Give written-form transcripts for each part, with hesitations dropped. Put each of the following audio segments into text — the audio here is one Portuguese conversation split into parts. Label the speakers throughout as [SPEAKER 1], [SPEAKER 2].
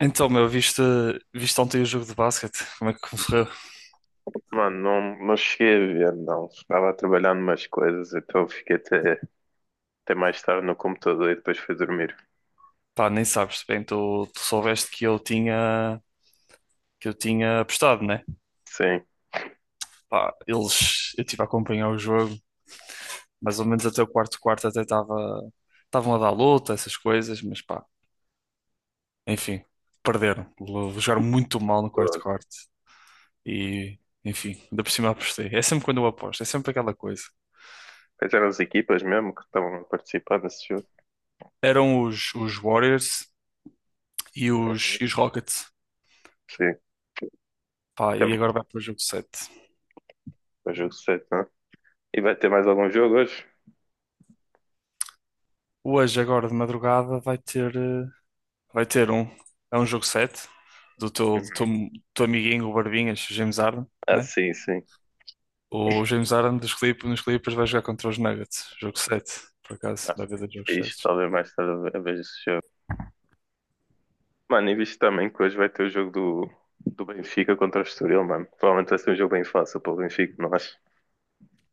[SPEAKER 1] Então, meu, viste ontem o jogo de basquete? Como é que correu?
[SPEAKER 2] Mano, não, não cheguei a ver, não. Estava a trabalhar numas coisas, então fiquei até mais tarde no computador e depois fui dormir.
[SPEAKER 1] Pá, nem sabes bem, tu soubeste que eu tinha apostado, né?
[SPEAKER 2] Sim.
[SPEAKER 1] Pá, eu estive a acompanhar o jogo, mais ou menos até o quarto quarto, até estavam a dar luta, essas coisas, mas pá, enfim, perderam. Jogaram muito mal no quarto
[SPEAKER 2] Pô,
[SPEAKER 1] quarto e, enfim, ainda por cima apostei. É sempre quando eu aposto, é sempre aquela coisa.
[SPEAKER 2] quais eram as equipas mesmo que estavam a participar nesse jogo?
[SPEAKER 1] Eram os Warriors e os,
[SPEAKER 2] Uhum.
[SPEAKER 1] e os Rockets.
[SPEAKER 2] Sim.
[SPEAKER 1] Pá,
[SPEAKER 2] Tem
[SPEAKER 1] e agora vai para o jogo 7.
[SPEAKER 2] o jogo 7, não? E vai ter mais algum jogo hoje?
[SPEAKER 1] Hoje, agora de madrugada, vai ter um. É um jogo 7 do teu, do teu,
[SPEAKER 2] Uhum.
[SPEAKER 1] do teu amiguinho, o Barbinhas, o James Harden,
[SPEAKER 2] Ah,
[SPEAKER 1] né?
[SPEAKER 2] sim, sim.
[SPEAKER 1] O James Harden dos Clippers, nos Clippers vai jogar contra os Nuggets. Jogo 7, por acaso,
[SPEAKER 2] Ah,
[SPEAKER 1] vai haver dois jogos
[SPEAKER 2] fixe,
[SPEAKER 1] 7.
[SPEAKER 2] talvez mais tarde eu veja esse jogo. Mano, e visto também que hoje vai ter o jogo do Benfica contra o Estoril, mano. Provavelmente vai ser um jogo bem fácil para o Benfica, não acho?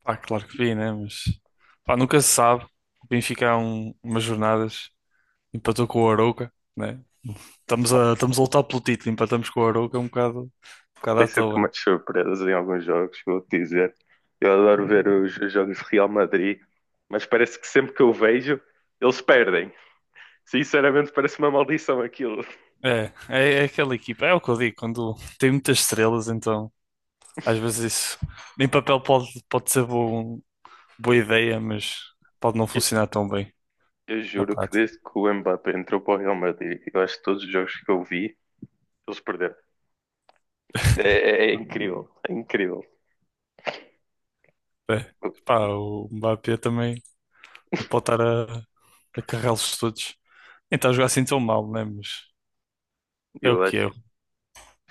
[SPEAKER 1] Pá, claro que vi, né? Mas pá, nunca se sabe. O Benfica há umas jornadas empatou com o Arouca, né? Estamos a lutar pelo título, empatamos com o Arouca, é um bocado
[SPEAKER 2] Tem
[SPEAKER 1] à
[SPEAKER 2] sempre
[SPEAKER 1] toa.
[SPEAKER 2] umas surpresas em alguns jogos, vou dizer. Eu adoro ver os jogos de Real Madrid, mas parece que sempre que eu vejo, eles perdem. Sinceramente, parece uma maldição aquilo.
[SPEAKER 1] É aquela equipa, é o que eu digo, quando tem muitas estrelas, então. Às vezes isso em papel pode ser boa ideia, mas pode não
[SPEAKER 2] Eu,
[SPEAKER 1] funcionar tão bem
[SPEAKER 2] eu
[SPEAKER 1] na
[SPEAKER 2] juro que
[SPEAKER 1] prática.
[SPEAKER 2] desde que o Mbappé entrou para o Real Madrid, eu acho que todos os jogos que eu vi, eles perderam. É, é incrível, é incrível.
[SPEAKER 1] É.
[SPEAKER 2] Eu,
[SPEAKER 1] Pá, o Mbappé também não pode estar a carregá-los todos. Nem está a jogar assim tão mal, né? Mas é o
[SPEAKER 2] eu
[SPEAKER 1] que
[SPEAKER 2] acho
[SPEAKER 1] é.
[SPEAKER 2] que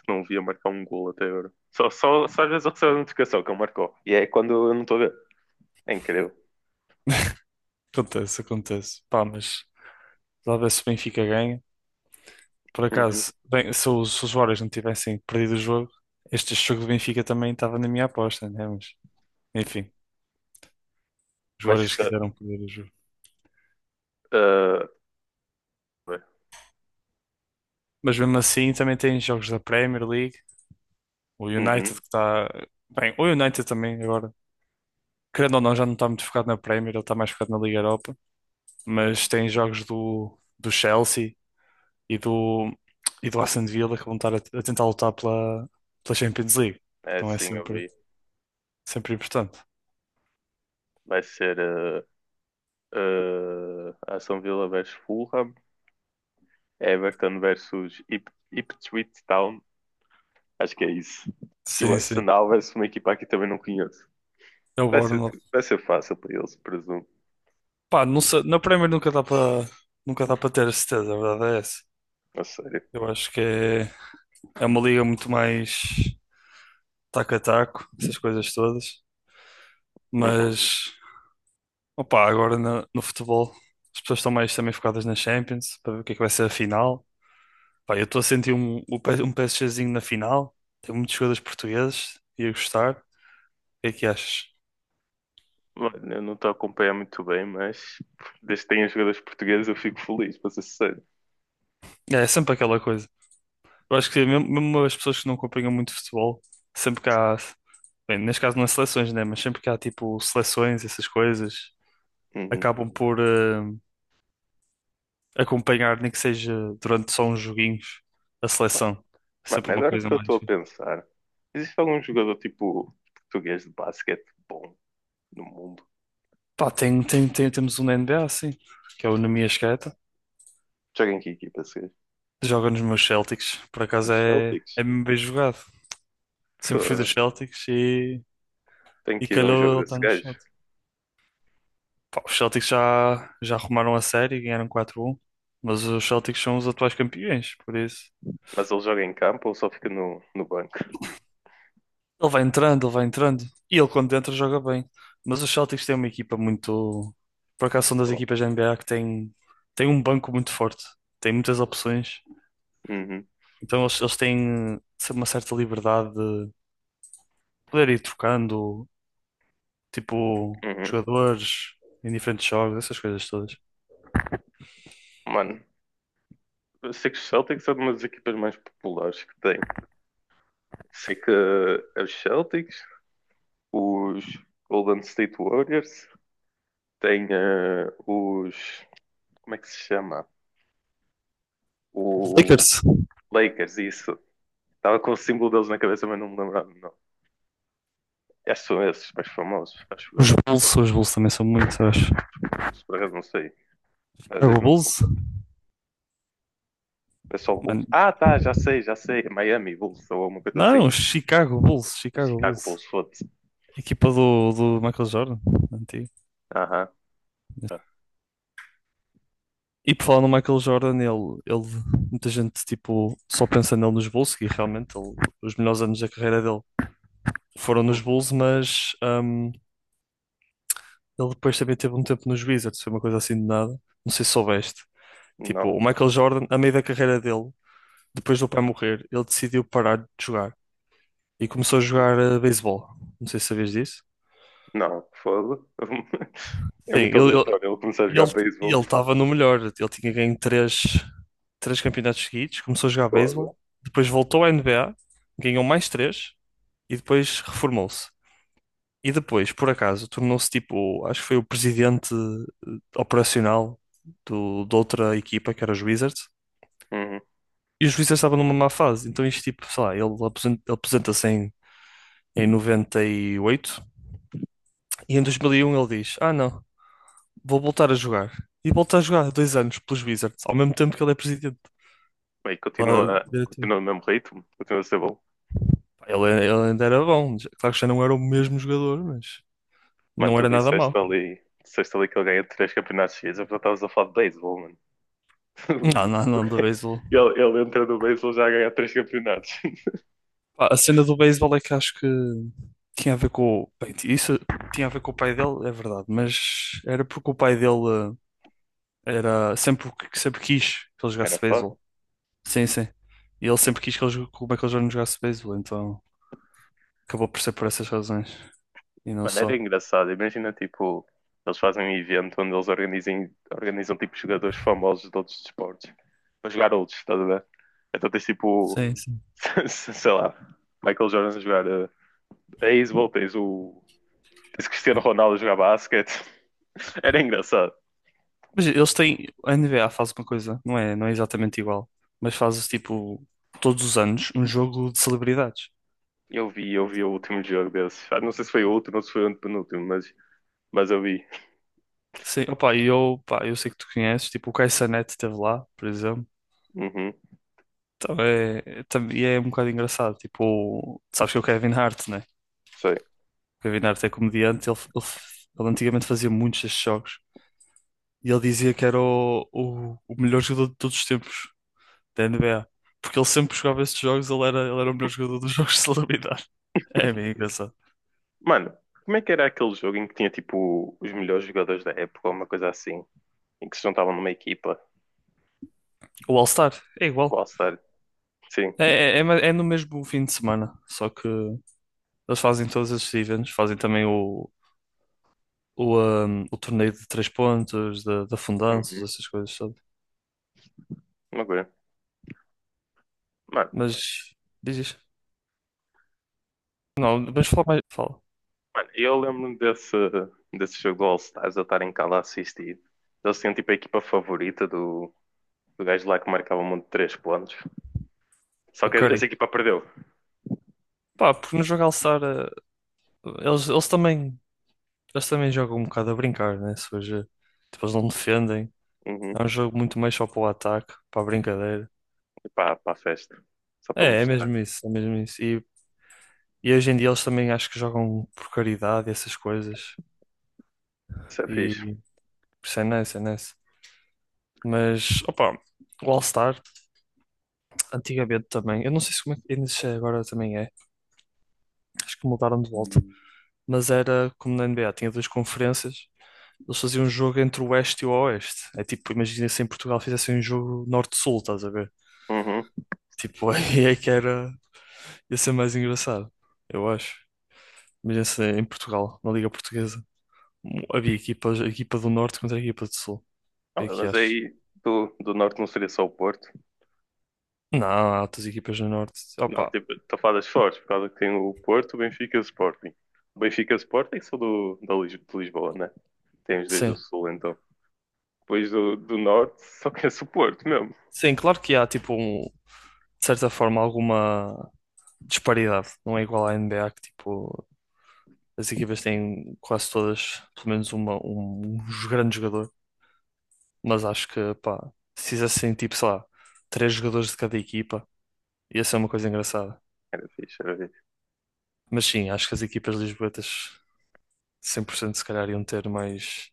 [SPEAKER 2] não via marcar um gol até agora. Só às vezes eu recebo a notificação que ele marcou. E é quando eu não estou a ver. É incrível.
[SPEAKER 1] Acontece, acontece. Pá, mas talvez se o Benfica ganha. Por
[SPEAKER 2] Uhum.
[SPEAKER 1] acaso, bem, se os Warriors não tivessem perdido o jogo, este jogo do Benfica também estava na minha aposta, né? Mas, enfim, os
[SPEAKER 2] Mas
[SPEAKER 1] Warriors
[SPEAKER 2] está.
[SPEAKER 1] quiseram perder o jogo. Mas mesmo assim também tem jogos da Premier League. O United que está. Bem, o United também agora. Querendo ou não, já não está muito focado na Premier, ele está mais focado na Liga Europa. Mas tem jogos do Chelsea e do, e do Aston Villa, que vão estar a tentar lutar pela Champions League.
[SPEAKER 2] É,
[SPEAKER 1] Então é
[SPEAKER 2] sim, eu
[SPEAKER 1] sempre,
[SPEAKER 2] vi.
[SPEAKER 1] sempre importante.
[SPEAKER 2] Vai ser Aston Villa versus Fulham, Everton versus Ipswich Town. Acho que é isso. E o
[SPEAKER 1] Sim, sim.
[SPEAKER 2] Arsenal versus uma equipa que também não conheço.
[SPEAKER 1] É o
[SPEAKER 2] Vai ser,
[SPEAKER 1] Bournemouth.
[SPEAKER 2] vai ser fácil para eles, presumo.
[SPEAKER 1] Pá, não sei, na Premier nunca dá para nunca dá para ter a certeza, a verdade é essa.
[SPEAKER 2] A sério.
[SPEAKER 1] Eu acho que é, é uma liga muito mais taco a taco, essas coisas todas.
[SPEAKER 2] Uhum.
[SPEAKER 1] Mas opa, agora no futebol as pessoas estão mais também focadas na Champions para ver o que é que vai ser a final. Pá, eu estou a sentir um PSGzinho na final. Tem muitos jogadores portugueses. Ia gostar. O que é que achas?
[SPEAKER 2] Mano, eu não estou a acompanhar muito bem, mas desde que tenha jogadores portugueses eu fico feliz, para ser sincero.
[SPEAKER 1] É, é sempre aquela coisa. Eu acho que mesmo, mesmo as pessoas que não acompanham muito futebol, sempre que há, bem, neste caso não é seleções, né? Mas sempre que há tipo seleções, essas coisas,
[SPEAKER 2] Uhum.
[SPEAKER 1] acabam por acompanhar, nem que seja durante só uns joguinhos, a seleção. É sempre
[SPEAKER 2] Mano,
[SPEAKER 1] uma
[SPEAKER 2] agora
[SPEAKER 1] coisa
[SPEAKER 2] que eu estou
[SPEAKER 1] mais.
[SPEAKER 2] a pensar, existe algum jogador tipo português de basquete bom no mundo?
[SPEAKER 1] Pá, temos um na NBA, sim, que é o Numi Asqueta.
[SPEAKER 2] Joga em que equipa, se
[SPEAKER 1] Joga nos meus Celtics, por acaso é,
[SPEAKER 2] Celtics.
[SPEAKER 1] é mesmo bem jogado. Sempre fui dos
[SPEAKER 2] Foda.
[SPEAKER 1] Celtics
[SPEAKER 2] Tenho
[SPEAKER 1] e
[SPEAKER 2] que ir ver um
[SPEAKER 1] calhou
[SPEAKER 2] jogo
[SPEAKER 1] ele estar
[SPEAKER 2] desse
[SPEAKER 1] nos
[SPEAKER 2] gajo.
[SPEAKER 1] Celtics. Pá, os Celtics já, já arrumaram a série, ganharam 4 um, mas os Celtics são os atuais campeões, por isso.
[SPEAKER 2] Mas ele joga em campo ou só fica no banco?
[SPEAKER 1] Ele vai entrando, e ele quando entra joga bem. Mas os Celtics têm uma equipa muito. Por acaso são das
[SPEAKER 2] Bom,
[SPEAKER 1] equipas da NBA que tem tem um banco muito forte, tem muitas opções,
[SPEAKER 2] uhum,
[SPEAKER 1] então eles têm sempre uma certa liberdade poder ir trocando, tipo,
[SPEAKER 2] uhum.
[SPEAKER 1] jogadores em diferentes jogos, essas coisas todas.
[SPEAKER 2] Mano, eu sei que os Celtics são uma das equipas mais populares que tem. Sei que os Celtics, os Golden State Warriors, tem os. Como é que se chama?
[SPEAKER 1] Os
[SPEAKER 2] O
[SPEAKER 1] Lakers,
[SPEAKER 2] Lakers, isso. Estava com o símbolo deles na cabeça, mas não me lembrava. Não. Acho que são esses mais famosos, acho eu.
[SPEAKER 1] Os Bulls também são muitos, eu acho.
[SPEAKER 2] Os por acaso não sei. A
[SPEAKER 1] Chicago
[SPEAKER 2] Disney não me.
[SPEAKER 1] Bulls?
[SPEAKER 2] É só o
[SPEAKER 1] Mano,
[SPEAKER 2] Bulls? Ah, tá, já sei, já sei. Miami Bulls ou alguma coisa assim.
[SPEAKER 1] não, Chicago Bulls, Chicago
[SPEAKER 2] Chicago
[SPEAKER 1] Bulls.
[SPEAKER 2] Bulls, foda-se.
[SPEAKER 1] Equipa do Michael Jordan, antigo.
[SPEAKER 2] Aham. Ah,
[SPEAKER 1] E por falar no Michael Jordan, muita gente tipo, só pensa nele nos Bulls, e realmente os melhores anos da carreira dele foram nos
[SPEAKER 2] hum,
[SPEAKER 1] Bulls, mas ele depois também teve um tempo nos Wizards, foi uma coisa assim de nada. Não sei se soubeste. Tipo, o
[SPEAKER 2] não,
[SPEAKER 1] Michael Jordan, a meio da carreira dele, depois do pai morrer, ele decidiu parar de jogar e começou a jogar beisebol. Não sei se sabias disso.
[SPEAKER 2] não, foda. É
[SPEAKER 1] Sim,
[SPEAKER 2] muito aleatório ele começar a jogar
[SPEAKER 1] ele
[SPEAKER 2] beisebol.
[SPEAKER 1] ele estava no melhor. Ele tinha ganho três campeonatos seguidos, começou a jogar
[SPEAKER 2] Foda.
[SPEAKER 1] beisebol, depois voltou à NBA, ganhou mais três e depois reformou-se. E depois, por acaso, tornou-se tipo, acho que foi o presidente operacional de outra equipa, que era os Wizards.
[SPEAKER 2] Uhum.
[SPEAKER 1] E o juiz estava numa má fase, então isto tipo, sei lá, ele aposenta-se em, em noventa e oito, e em 2001 ele diz: Ah, não, vou voltar a jogar. E volta a jogar 2 anos pelos Wizards, ao mesmo tempo que ele é presidente,
[SPEAKER 2] Bem,
[SPEAKER 1] lá
[SPEAKER 2] continua,
[SPEAKER 1] diretor.
[SPEAKER 2] continua no mesmo ritmo, continua a ser bom.
[SPEAKER 1] Pá, ele ainda era bom, claro que já não era o mesmo jogador, mas
[SPEAKER 2] Mano,
[SPEAKER 1] não
[SPEAKER 2] tu
[SPEAKER 1] era nada mau.
[SPEAKER 2] disseste ali que ele ganha três campeonatos seguidos, eu já estavas a falar de beisebol, mano.
[SPEAKER 1] Não, não,
[SPEAKER 2] O
[SPEAKER 1] não,
[SPEAKER 2] gajo.
[SPEAKER 1] do beisebol.
[SPEAKER 2] Ele entra no beisebol já a ganhar três campeonatos.
[SPEAKER 1] Pá, a cena do beisebol é que acho que tinha a ver com. Bem, isso tinha a ver com o pai dele, é verdade, mas era porque o pai dele. Era sempre, sempre quis que ele
[SPEAKER 2] Era
[SPEAKER 1] jogasse
[SPEAKER 2] foda.
[SPEAKER 1] beisebol. Sim, sim. E ele sempre quis que ele, que o Michael Jordan jogasse beisebol, então acabou por ser por essas razões e não
[SPEAKER 2] Mano, era
[SPEAKER 1] só.
[SPEAKER 2] engraçado. Imagina, tipo, eles fazem um evento onde eles organizam, tipo, jogadores famosos de outros desportos para jogar outros, estás a ver? Então tens, tipo,
[SPEAKER 1] Sim, sim.
[SPEAKER 2] sei lá, Michael Jordan a jogar beisebol, tens Cristiano Ronaldo a jogar basquete. Era engraçado.
[SPEAKER 1] Mas eles têm. A NBA faz uma coisa, não é, não é exatamente igual, mas fazes tipo todos os anos um jogo de celebridades.
[SPEAKER 2] Eu vi o último jogo desses. Ah, não sei se foi o último ou se foi o antepenúltimo, mas eu vi.
[SPEAKER 1] Sim, opa, pá, eu sei que tu conheces, tipo o Kai Cenat esteve lá, por exemplo.
[SPEAKER 2] Uhum,
[SPEAKER 1] Então e é um bocado engraçado. Tipo, sabes que é o Kevin Hart, né?
[SPEAKER 2] sei.
[SPEAKER 1] O Kevin Hart é comediante, ele antigamente fazia muitos destes jogos. E ele dizia que era o melhor jogador de todos os tempos da NBA. Porque ele sempre que jogava esses jogos, ele era o melhor jogador dos jogos de celebridade. É é bem engraçado.
[SPEAKER 2] Mano, como é que era aquele jogo em que tinha, tipo, os melhores jogadores da época, ou uma coisa assim? Em que se juntavam numa equipa
[SPEAKER 1] O All-Star é igual.
[SPEAKER 2] All-Star, sim.
[SPEAKER 1] É no mesmo fim de semana, só que eles fazem todos esses eventos, fazem também o torneio de três pontos, da fundanças,
[SPEAKER 2] Uhum.
[SPEAKER 1] essas coisas, sabe?
[SPEAKER 2] Uma. Mano,
[SPEAKER 1] Mas diz isto. Não, mas fala mais. Fala.
[SPEAKER 2] mano, desse jogo do All-Stars, eu estar em casa a assistir. Eles tinham tipo a equipa favorita do gajo lá que marcava um monte de três pontos. Só
[SPEAKER 1] O
[SPEAKER 2] que
[SPEAKER 1] Curry.
[SPEAKER 2] essa equipa perdeu.
[SPEAKER 1] Pá, porque no jogo All-Star eles, eles também. Eles também jogam um bocado a brincar, né? Se hoje, tipo, eles não defendem.
[SPEAKER 2] Uhum.
[SPEAKER 1] É um jogo muito mais só para o ataque, para a brincadeira.
[SPEAKER 2] E para a festa. Só para
[SPEAKER 1] É
[SPEAKER 2] mostrar.
[SPEAKER 1] mesmo isso, é mesmo isso. E hoje em dia eles também acho que jogam por caridade e essas coisas.
[SPEAKER 2] Isso é fixe.
[SPEAKER 1] E isso é nice, é nice. Mas, opa, o All-Star, antigamente também, eu não sei se como é que ainda se é agora também é, acho que mudaram de volta. Mas era como na NBA, tinha duas conferências, eles faziam um jogo entre o Oeste e o Oeste. É tipo, imagina se em Portugal fizessem um jogo Norte-Sul, estás a ver?
[SPEAKER 2] Uhum.
[SPEAKER 1] Tipo, aí é que era. Ia ser mais engraçado, eu acho. Imagina se em Portugal, na Liga Portuguesa, havia equipas, a equipa do Norte contra a equipa do Sul. O
[SPEAKER 2] Ah,
[SPEAKER 1] que é que
[SPEAKER 2] mas
[SPEAKER 1] achas?
[SPEAKER 2] aí do norte não seria só o Porto.
[SPEAKER 1] Não, há outras equipas do Norte.
[SPEAKER 2] Não,
[SPEAKER 1] Opa,
[SPEAKER 2] tipo, estou a falar das fortes, por causa que tem o Porto, o Benfica e o Sporting. O Benfica e o Sporting são da de Lisboa, né? Tem os dois do
[SPEAKER 1] sim.
[SPEAKER 2] Sul, então. Depois do Norte, só conheço o Porto mesmo.
[SPEAKER 1] Sim, claro que há, tipo, de certa forma, alguma disparidade. Não é igual à NBA, que, tipo, as equipas têm quase todas, pelo menos, um grande jogador. Mas acho que, pá, se fizessem, tipo, sei lá, três jogadores de cada equipa, ia ser uma coisa engraçada.
[SPEAKER 2] Era fixe, era fixe.
[SPEAKER 1] Mas sim, acho que as equipas lisboetas 100% se calhar iam ter mais,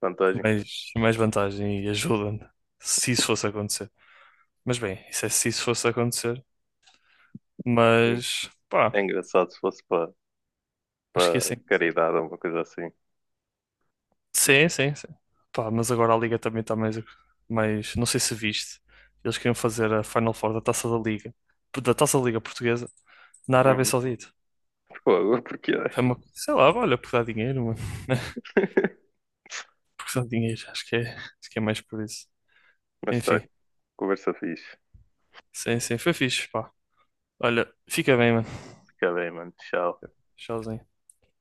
[SPEAKER 2] Vantagem.
[SPEAKER 1] mais, mais vantagem e ajuda se isso fosse acontecer. Mas bem, isso é se isso fosse acontecer.
[SPEAKER 2] Sim.
[SPEAKER 1] Mas pá,
[SPEAKER 2] É engraçado se fosse para
[SPEAKER 1] acho que ia.
[SPEAKER 2] para caridade ou uma coisa assim.
[SPEAKER 1] Sim, sim, sim. Pá, mas agora a Liga também está mais, mais. Não sei se viste. Eles queriam fazer a Final Four da Taça da Liga, da Taça da Liga Portuguesa, na Arábia
[SPEAKER 2] Uhum.
[SPEAKER 1] Saudita.
[SPEAKER 2] Fogo, porque é.
[SPEAKER 1] É uma, sei lá, olha, porque dá dinheiro, mano. Porque dá dinheiro, acho que é mais por isso.
[SPEAKER 2] Mas tá,
[SPEAKER 1] Enfim,
[SPEAKER 2] conversa fixe.
[SPEAKER 1] sim, sim, foi fixe, pá. Olha, fica bem, mano.
[SPEAKER 2] Fica bem, mano. Tchau.
[SPEAKER 1] Tchauzinho.